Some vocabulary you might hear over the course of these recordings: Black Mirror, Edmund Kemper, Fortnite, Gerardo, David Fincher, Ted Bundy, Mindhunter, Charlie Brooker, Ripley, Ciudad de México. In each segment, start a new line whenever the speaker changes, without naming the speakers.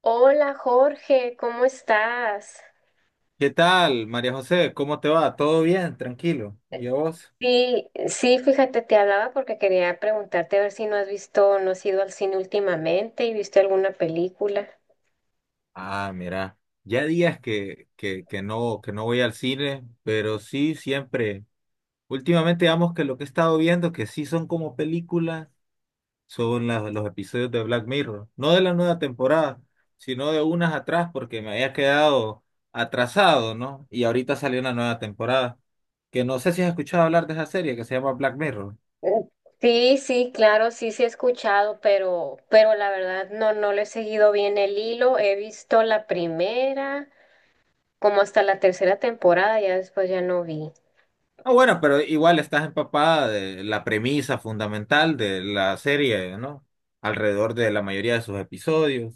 Hola Jorge, ¿cómo estás?
¿Qué tal, María José? ¿Cómo te va? ¿Todo bien? Tranquilo. ¿Y a vos?
Sí, sí, fíjate, te hablaba porque quería preguntarte a ver si no has visto, no has ido al cine últimamente y viste alguna película.
Ah, mira, ya días que no voy al cine, pero sí siempre. Últimamente, digamos que lo que he estado viendo, que sí son como películas, son los episodios de Black Mirror. No de la nueva temporada, sino de unas atrás, porque me había quedado atrasado, ¿no? Y ahorita salió una nueva temporada. Que no sé si has escuchado hablar de esa serie que se llama Black Mirror.
Mm. Sí, sí, claro, sí, sí he escuchado, pero la verdad no, no le he seguido bien el hilo. He visto la primera como hasta la tercera temporada, ya después ya no vi.
Ah, bueno, pero igual estás empapada de la premisa fundamental de la serie, ¿no? Alrededor de la mayoría de sus episodios,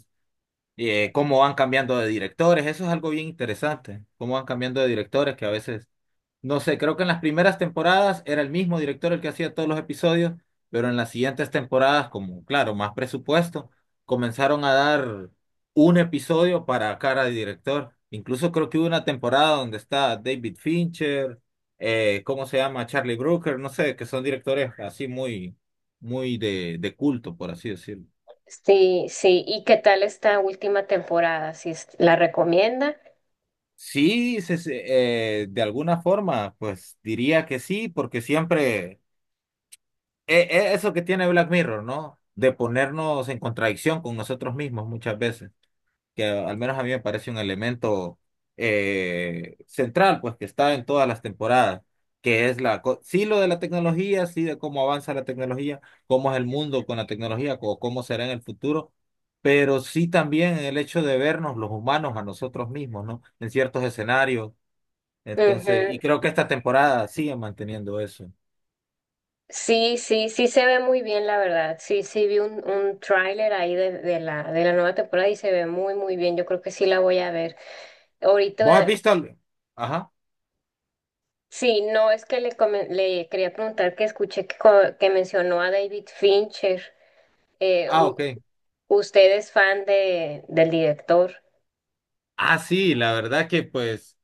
y cómo van cambiando de directores, eso es algo bien interesante, cómo van cambiando de directores que a veces no sé, creo que en las primeras temporadas era el mismo director el que hacía todos los episodios, pero en las siguientes temporadas, como claro, más presupuesto, comenzaron a dar un episodio para cada director. Incluso creo que hubo una temporada donde está David Fincher, ¿cómo se llama? Charlie Brooker, no sé, que son directores así muy, muy de culto, por así decirlo.
Sí, sí, ¿y qué tal esta última temporada? ¿Sí la recomienda?
Sí, de alguna forma, pues diría que sí, porque siempre eso que tiene Black Mirror, ¿no? De ponernos en contradicción con nosotros mismos muchas veces, que al menos a mí me parece un elemento central, pues que está en todas las temporadas, que es sí lo de la tecnología, sí de cómo avanza la tecnología, cómo es el mundo con la tecnología, o cómo será en el futuro, pero sí también el hecho de vernos los humanos a nosotros mismos, ¿no? En ciertos escenarios. Entonces, y
Ujú.
creo que esta temporada sigue manteniendo eso.
Sí, sí, sí se ve muy bien, la verdad. Sí, sí vi un tráiler ahí de la nueva temporada y se ve muy, muy bien. Yo creo que sí la voy a ver.
¿Vos has
Ahorita,
visto? Ajá.
sí, no es que le, le quería preguntar que escuché que, que mencionó a David Fincher. Eh,
Ah,
u-
ok.
¿Usted es fan de, del director?
Ah, sí, la verdad que pues,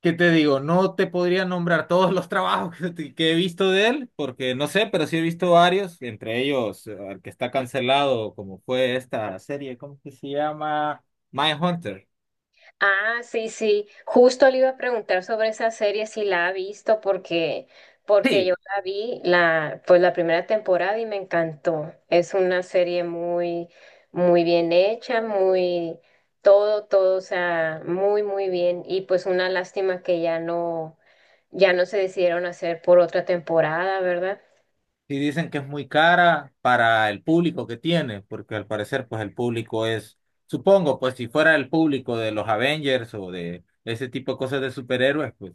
¿qué te digo? No te podría nombrar todos los trabajos que he visto de él, porque no sé, pero sí he visto varios, entre ellos el que está cancelado, como fue esta serie, ¿cómo que se llama? Mindhunter.
Ah, sí, sí. Justo le iba a preguntar sobre esa serie si la ha visto porque porque yo
Sí,
la vi la pues la primera temporada y me encantó. Es una serie muy muy bien hecha, muy todo todo, o sea, muy muy bien y pues una lástima que ya no ya no se decidieron hacer por otra temporada, ¿verdad?
sí, dicen que es muy cara para el público que tiene, porque al parecer pues el público es, supongo, pues si fuera el público de los Avengers o de ese tipo de cosas de superhéroes, pues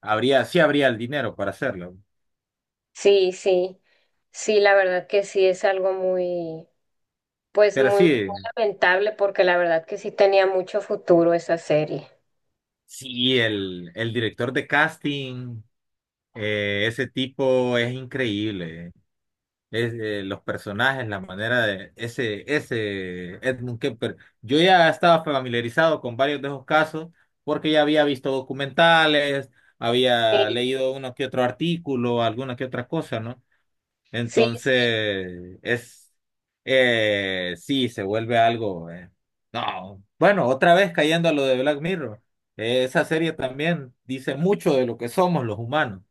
habría, sí habría el dinero para hacerlo.
Sí, sí. Sí, la verdad que sí es algo muy, pues
Pero
muy,
sí.
muy lamentable porque la verdad que sí tenía mucho futuro esa serie.
Sí, el director de casting, ese tipo es increíble. Es, los personajes, la manera de ese Edmund Kemper. Yo ya estaba familiarizado con varios de esos casos porque ya había visto documentales, había
Sí,
leído uno que otro artículo, alguna que otra cosa, ¿no?
sí, sí,
Entonces, es, sí, se vuelve algo. No, bueno, otra vez cayendo a lo de Black Mirror. Esa serie también dice mucho de lo que somos los humanos,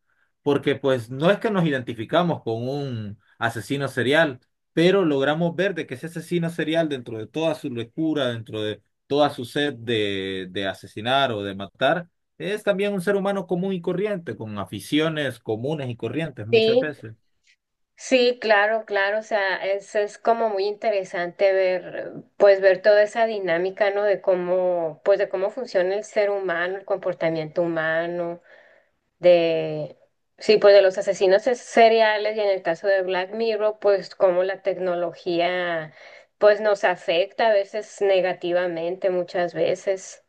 porque pues no es que nos identificamos con un asesino serial, pero logramos ver de que ese asesino serial, dentro de toda su locura, dentro de toda su sed de asesinar o de matar, es también un ser humano común y corriente, con aficiones comunes y corrientes muchas
sí,
veces.
sí, claro, claro, o sea, es como muy interesante ver, pues ver toda esa dinámica, ¿no? De cómo, pues de cómo funciona el ser humano, el comportamiento humano, de, sí, pues de los asesinos seriales y en el caso de Black Mirror, pues cómo la tecnología, pues nos afecta a veces negativamente, muchas veces.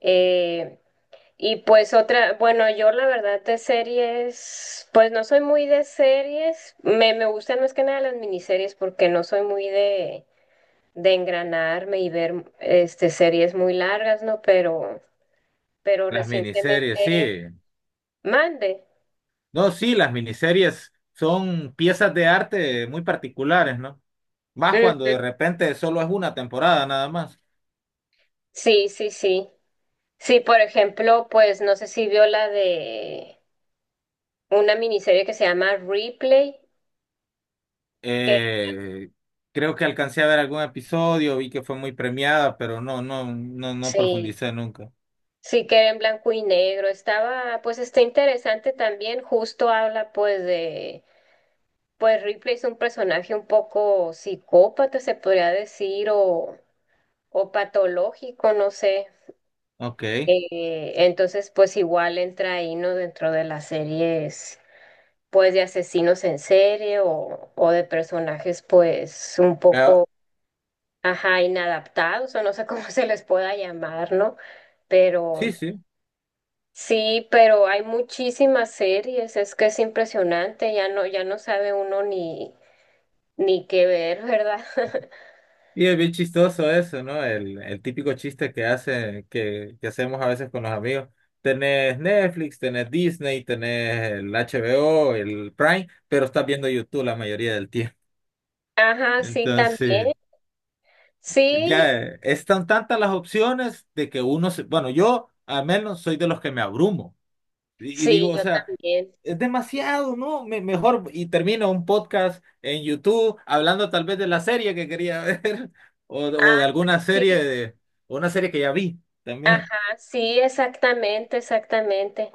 Eh, Y pues otra, bueno, yo la verdad de series, pues no soy muy de series, me gustan más que nada las miniseries porque no soy muy de engranarme y ver este series muy largas, ¿no? Pero
Las miniseries,
recientemente
sí.
mande.
No, sí, las miniseries son piezas de arte muy particulares, ¿no? Más cuando
Ujú.
de repente solo es una temporada nada más.
Sí, sí, sí. Sí, por ejemplo, pues no sé si vio la de una miniserie que se llama Replay, que
Eh, creo que alcancé a ver algún episodio, vi que fue muy premiada, pero no
sí.
profundicé nunca.
Sí, que era en blanco y negro. Estaba, pues está interesante también. Justo habla pues de, pues Ripley es un personaje un poco psicópata, se podría decir, o patológico, no sé.
Ok.
Entonces, pues igual entra ahí, ¿no? Dentro de las series, pues de asesinos en serie o de personajes, pues un poco, ajá, inadaptados, o no sé cómo se les pueda llamar, ¿no? Pero...
Sí, sí.
Sí, pero hay muchísimas series, es que es impresionante, ya no, ya no sabe uno ni, ni qué ver, ¿verdad?
Y es bien chistoso eso, ¿no? El típico chiste que hace, que hacemos a veces con los amigos. Tenés Netflix, tenés Disney, tenés el HBO, el Prime, pero estás viendo YouTube la mayoría del tiempo.
Ajá, sí, también.
Entonces,
Sí,
ya están tantas las opciones de que uno se, bueno, yo al menos soy de los que me abrumo. Y digo,
sí,
o
yo
sea,
también.
es demasiado, ¿no? Mejor, y termino un podcast en YouTube hablando tal vez de la serie que quería ver
Ah,
o de alguna serie
sí,
de, o una serie que ya vi también.
ah, sí, exactamente, exactamente.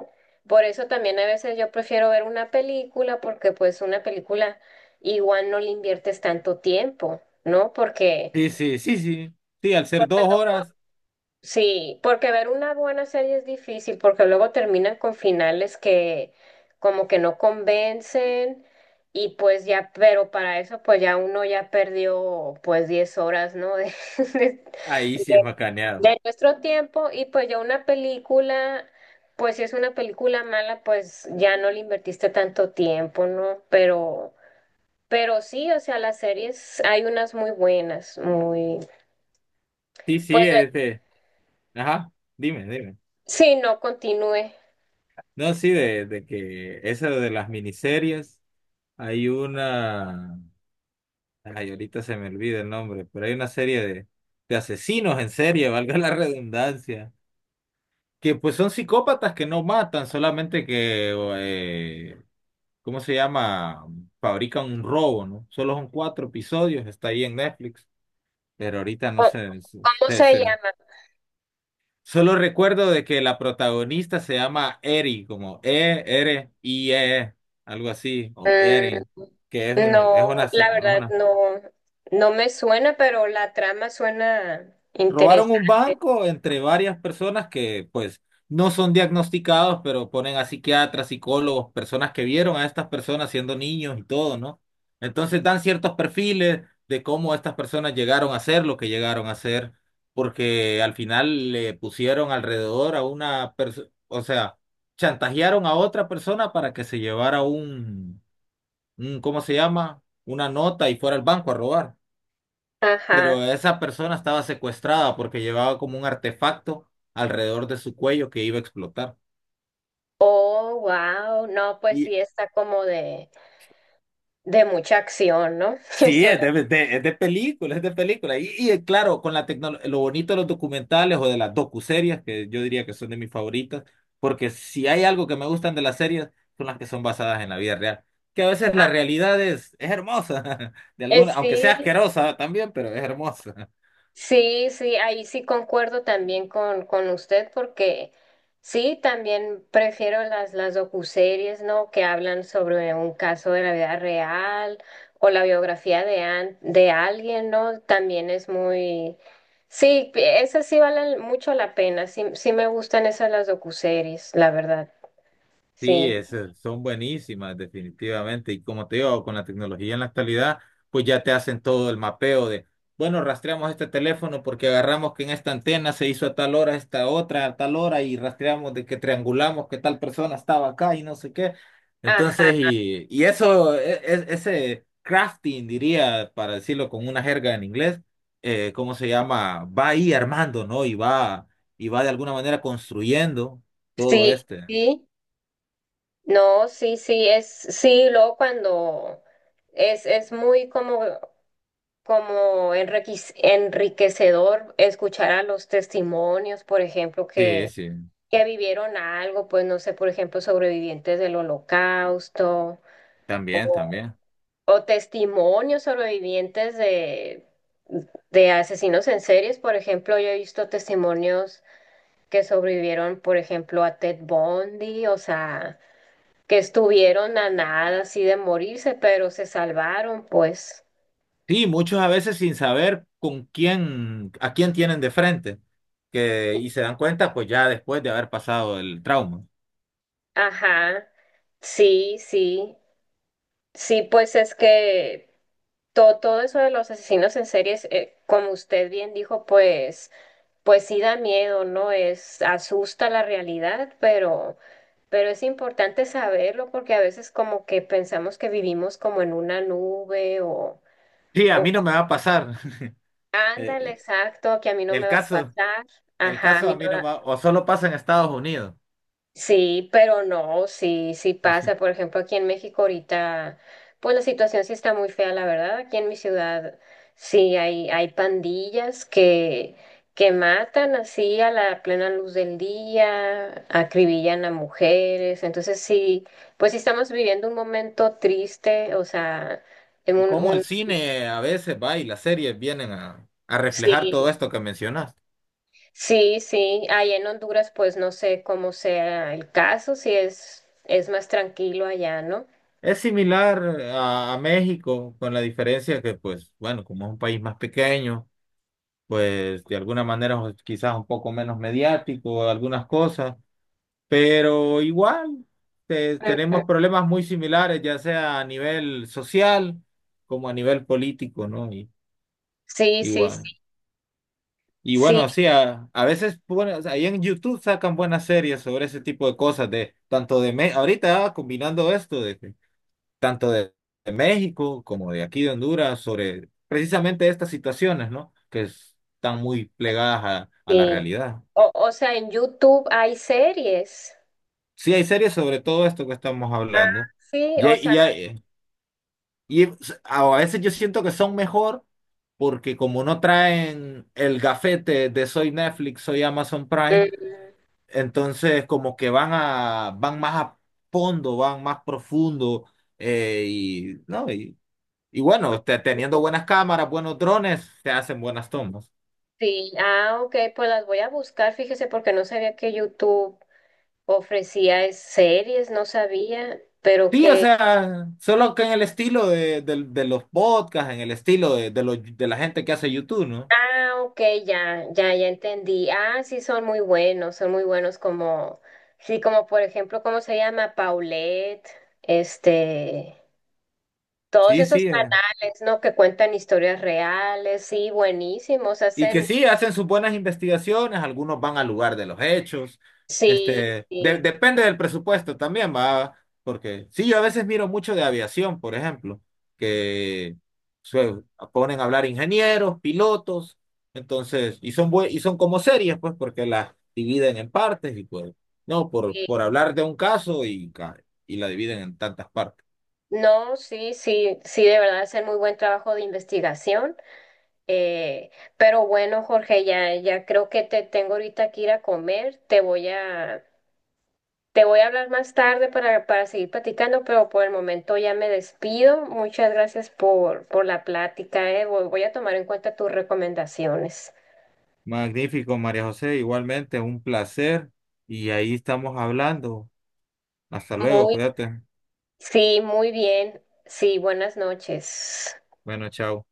Por eso también a veces yo prefiero ver una película porque pues una película igual no le inviertes tanto tiempo, ¿no? Porque
Sí, sí, sí, sí. Sí, al ser dos horas,
sí, porque ver una buena serie es difícil, porque luego terminan con finales que como que no convencen y pues ya, pero para eso pues ya uno ya perdió pues 10 horas, ¿no? De, de-
ahí sí
de-
es macaneado.
de nuestro tiempo y pues ya una película, pues si es una película mala, pues ya no le invertiste tanto tiempo, ¿no? Pero sí, o sea, las series hay unas muy buenas, muy,
Sí,
pues
sí,
de-
este. Ajá, dime, dime.
sí, no continúe.
No, sí, de que eso de las miniseries, hay una. Ay, ahorita se me olvida el nombre, pero hay una serie de asesinos en serie, valga la redundancia que pues son psicópatas que no matan, solamente que, eh, ¿cómo se llama? Fabrican un robo, ¿no? Solo son cuatro episodios, está ahí en Netflix, pero ahorita no
¿Cómo
sé,
cómo se llama?
solo recuerdo de que la protagonista se llama Eri, como E-R-I-E, algo así, o Erin, que es
Mm,
un,
no,
es
la verdad
una
no, no me suena, pero la trama suena
Robaron un
interesante.
banco entre varias personas que pues no son diagnosticados, pero ponen a psiquiatras, psicólogos, personas que vieron a estas personas siendo niños y todo, ¿no? Entonces dan ciertos perfiles de cómo estas personas llegaron a ser lo que llegaron a ser, porque al final le pusieron alrededor a una persona, o sea, chantajearon a otra persona para que se llevara un, ¿cómo se llama? Una nota y fuera al banco a robar, pero
Ajá.
esa persona estaba secuestrada porque llevaba como un artefacto alrededor de su cuello que iba a explotar.
Oh, wow. No, pues
Y
sí está como de mucha acción, ¿no? Que
sí,
suena,
es es de película, es de película. Y claro, con la tecnología, lo bonito de los documentales o de las docuseries, que yo diría que son de mis favoritas, porque si hay algo que me gustan de las series, son las que son basadas en la vida real. Que a veces la realidad es hermosa, de alguna, aunque sea
sí,
asquerosa también, pero es hermosa.
sí, sí, ahí sí concuerdo también con usted porque sí, también prefiero las docuseries, ¿no? Que hablan sobre un caso de la vida real o la biografía de, de alguien, ¿no? También es muy... Sí, esas sí valen mucho la pena, sí, sí me gustan esas las docuseries, la verdad, sí.
Sí, esas son buenísimas, definitivamente. Y como te digo, con la tecnología en la actualidad, pues ya te hacen todo el mapeo de, bueno, rastreamos este teléfono porque agarramos que en esta antena se hizo a tal hora, esta otra, a tal hora, y rastreamos de que triangulamos que tal persona estaba acá y no sé qué.
Ajá,
Entonces, y eso, ese crafting, diría, para decirlo con una jerga en inglés, ¿cómo se llama? Va ahí armando, ¿no? Y va de alguna manera construyendo todo
sí,
este.
sí, no, sí, sí, es, sí, luego cuando... es muy como como enriquecedor escuchar a los testimonios, por ejemplo,
Sí, sí.
que vivieron algo, pues no sé, por ejemplo, sobrevivientes del holocausto
También,
o,
también.
o testimonios sobrevivientes de asesinos en series, por ejemplo, yo he visto testimonios que sobrevivieron, por ejemplo, a Ted Bundy, o sea, que estuvieron a nada así de morirse, pero se salvaron, pues.
Sí, muchos a veces sin saber con quién, a quién tienen de frente, que, y se dan cuenta pues ya después de haber pasado el trauma.
Ajá. Sí, sí. Sí, pues es que todo, todo eso de los asesinos en series, como usted bien dijo, pues, pues sí da miedo, ¿no? Es, asusta la realidad, pero es importante saberlo porque a veces como que pensamos que vivimos como en una nube
Sí, a
o
mí no me va a pasar.
ándale,
Eh,
exacto, que a mí no me
el
va a
caso,
pasar,
el
ajá, a
caso a
mí
mí
no,
no me va, o solo pasa en Estados Unidos.
sí, pero no, sí, sí pasa. Por ejemplo, aquí en México ahorita, pues la situación sí está muy fea, la verdad. Aquí en mi ciudad sí hay pandillas que matan así a la plena luz del día, acribillan a mujeres. Entonces sí, pues sí estamos viviendo un momento triste, o sea, en
Y cómo
un
el cine a veces va y las series vienen a reflejar
sí,
todo esto que mencionaste.
sí, sí. Allá en Honduras, pues no sé cómo sea el caso, si es, es más tranquilo allá, ¿no?
Es similar a México, con la diferencia que, pues, bueno, como es un país más pequeño. Pues de alguna manera pues, quizás un poco menos mediático, algunas cosas, pero igual tenemos problemas muy similares, ya sea a nivel social como a nivel político, ¿no? Y,
Sí, sí, sí,
igual. Y
sí,
bueno, sí, a veces, bueno, o sea, ahí en YouTube sacan buenas series sobre ese tipo de cosas, de tanto de ahorita ah, combinando esto de que tanto de México como de aquí de Honduras sobre precisamente estas situaciones, ¿no? Están muy plegadas a la
sí.
realidad.
O sea, en YouTube hay series.
Sí, hay series sobre todo esto que estamos
Ah,
hablando.
sí,
Y,
o
hay-
sea,
y, hay- a veces yo siento que son mejor porque como no traen el gafete de soy Netflix, soy Amazon Prime,
mm,
entonces como que van más a fondo, van más profundo, ¿no? Y bueno, teniendo buenas cámaras, buenos drones, te hacen buenas tomas.
sí, ah, ok, pues las voy a buscar, fíjese, porque no sabía que YouTube ofrecía series, no sabía, pero
Sí, o
que,
sea, solo que en el estilo del de los podcasts, en el estilo de la gente que hace YouTube, ¿no?
ah, ok, ya, ya, ya entendí. Ah, sí, son muy buenos como, sí, como por ejemplo, ¿cómo se llama? Paulette, este... Todos
Sí,
esos
sí, eh.
canales, ¿no? Que cuentan historias reales, sí, buenísimos,
Y que
hacen,
sí, hacen sus buenas investigaciones, algunos van al lugar de los hechos,
sí,
este,
sí,
depende del presupuesto también, va, porque sí, yo a veces miro mucho de aviación, por ejemplo, que se ponen a hablar ingenieros, pilotos, entonces, y son y son como series, pues, porque las dividen en partes y pues, no,
sí,
por hablar de un caso y la dividen en tantas partes.
no, sí, sí, sí, de verdad hacen muy buen trabajo de investigación. Eh, pero bueno, Jorge, ya, ya creo que te tengo ahorita que ir a comer, te voy a hablar más tarde para seguir platicando, pero por el momento ya me despido. Muchas gracias por la plática, eh. Voy a tomar en cuenta tus recomendaciones.
Magnífico, María José, igualmente, un placer, y ahí estamos hablando. Hasta luego,
Muy
cuídate.
sí, muy bien. Sí, buenas noches.
Bueno, chao.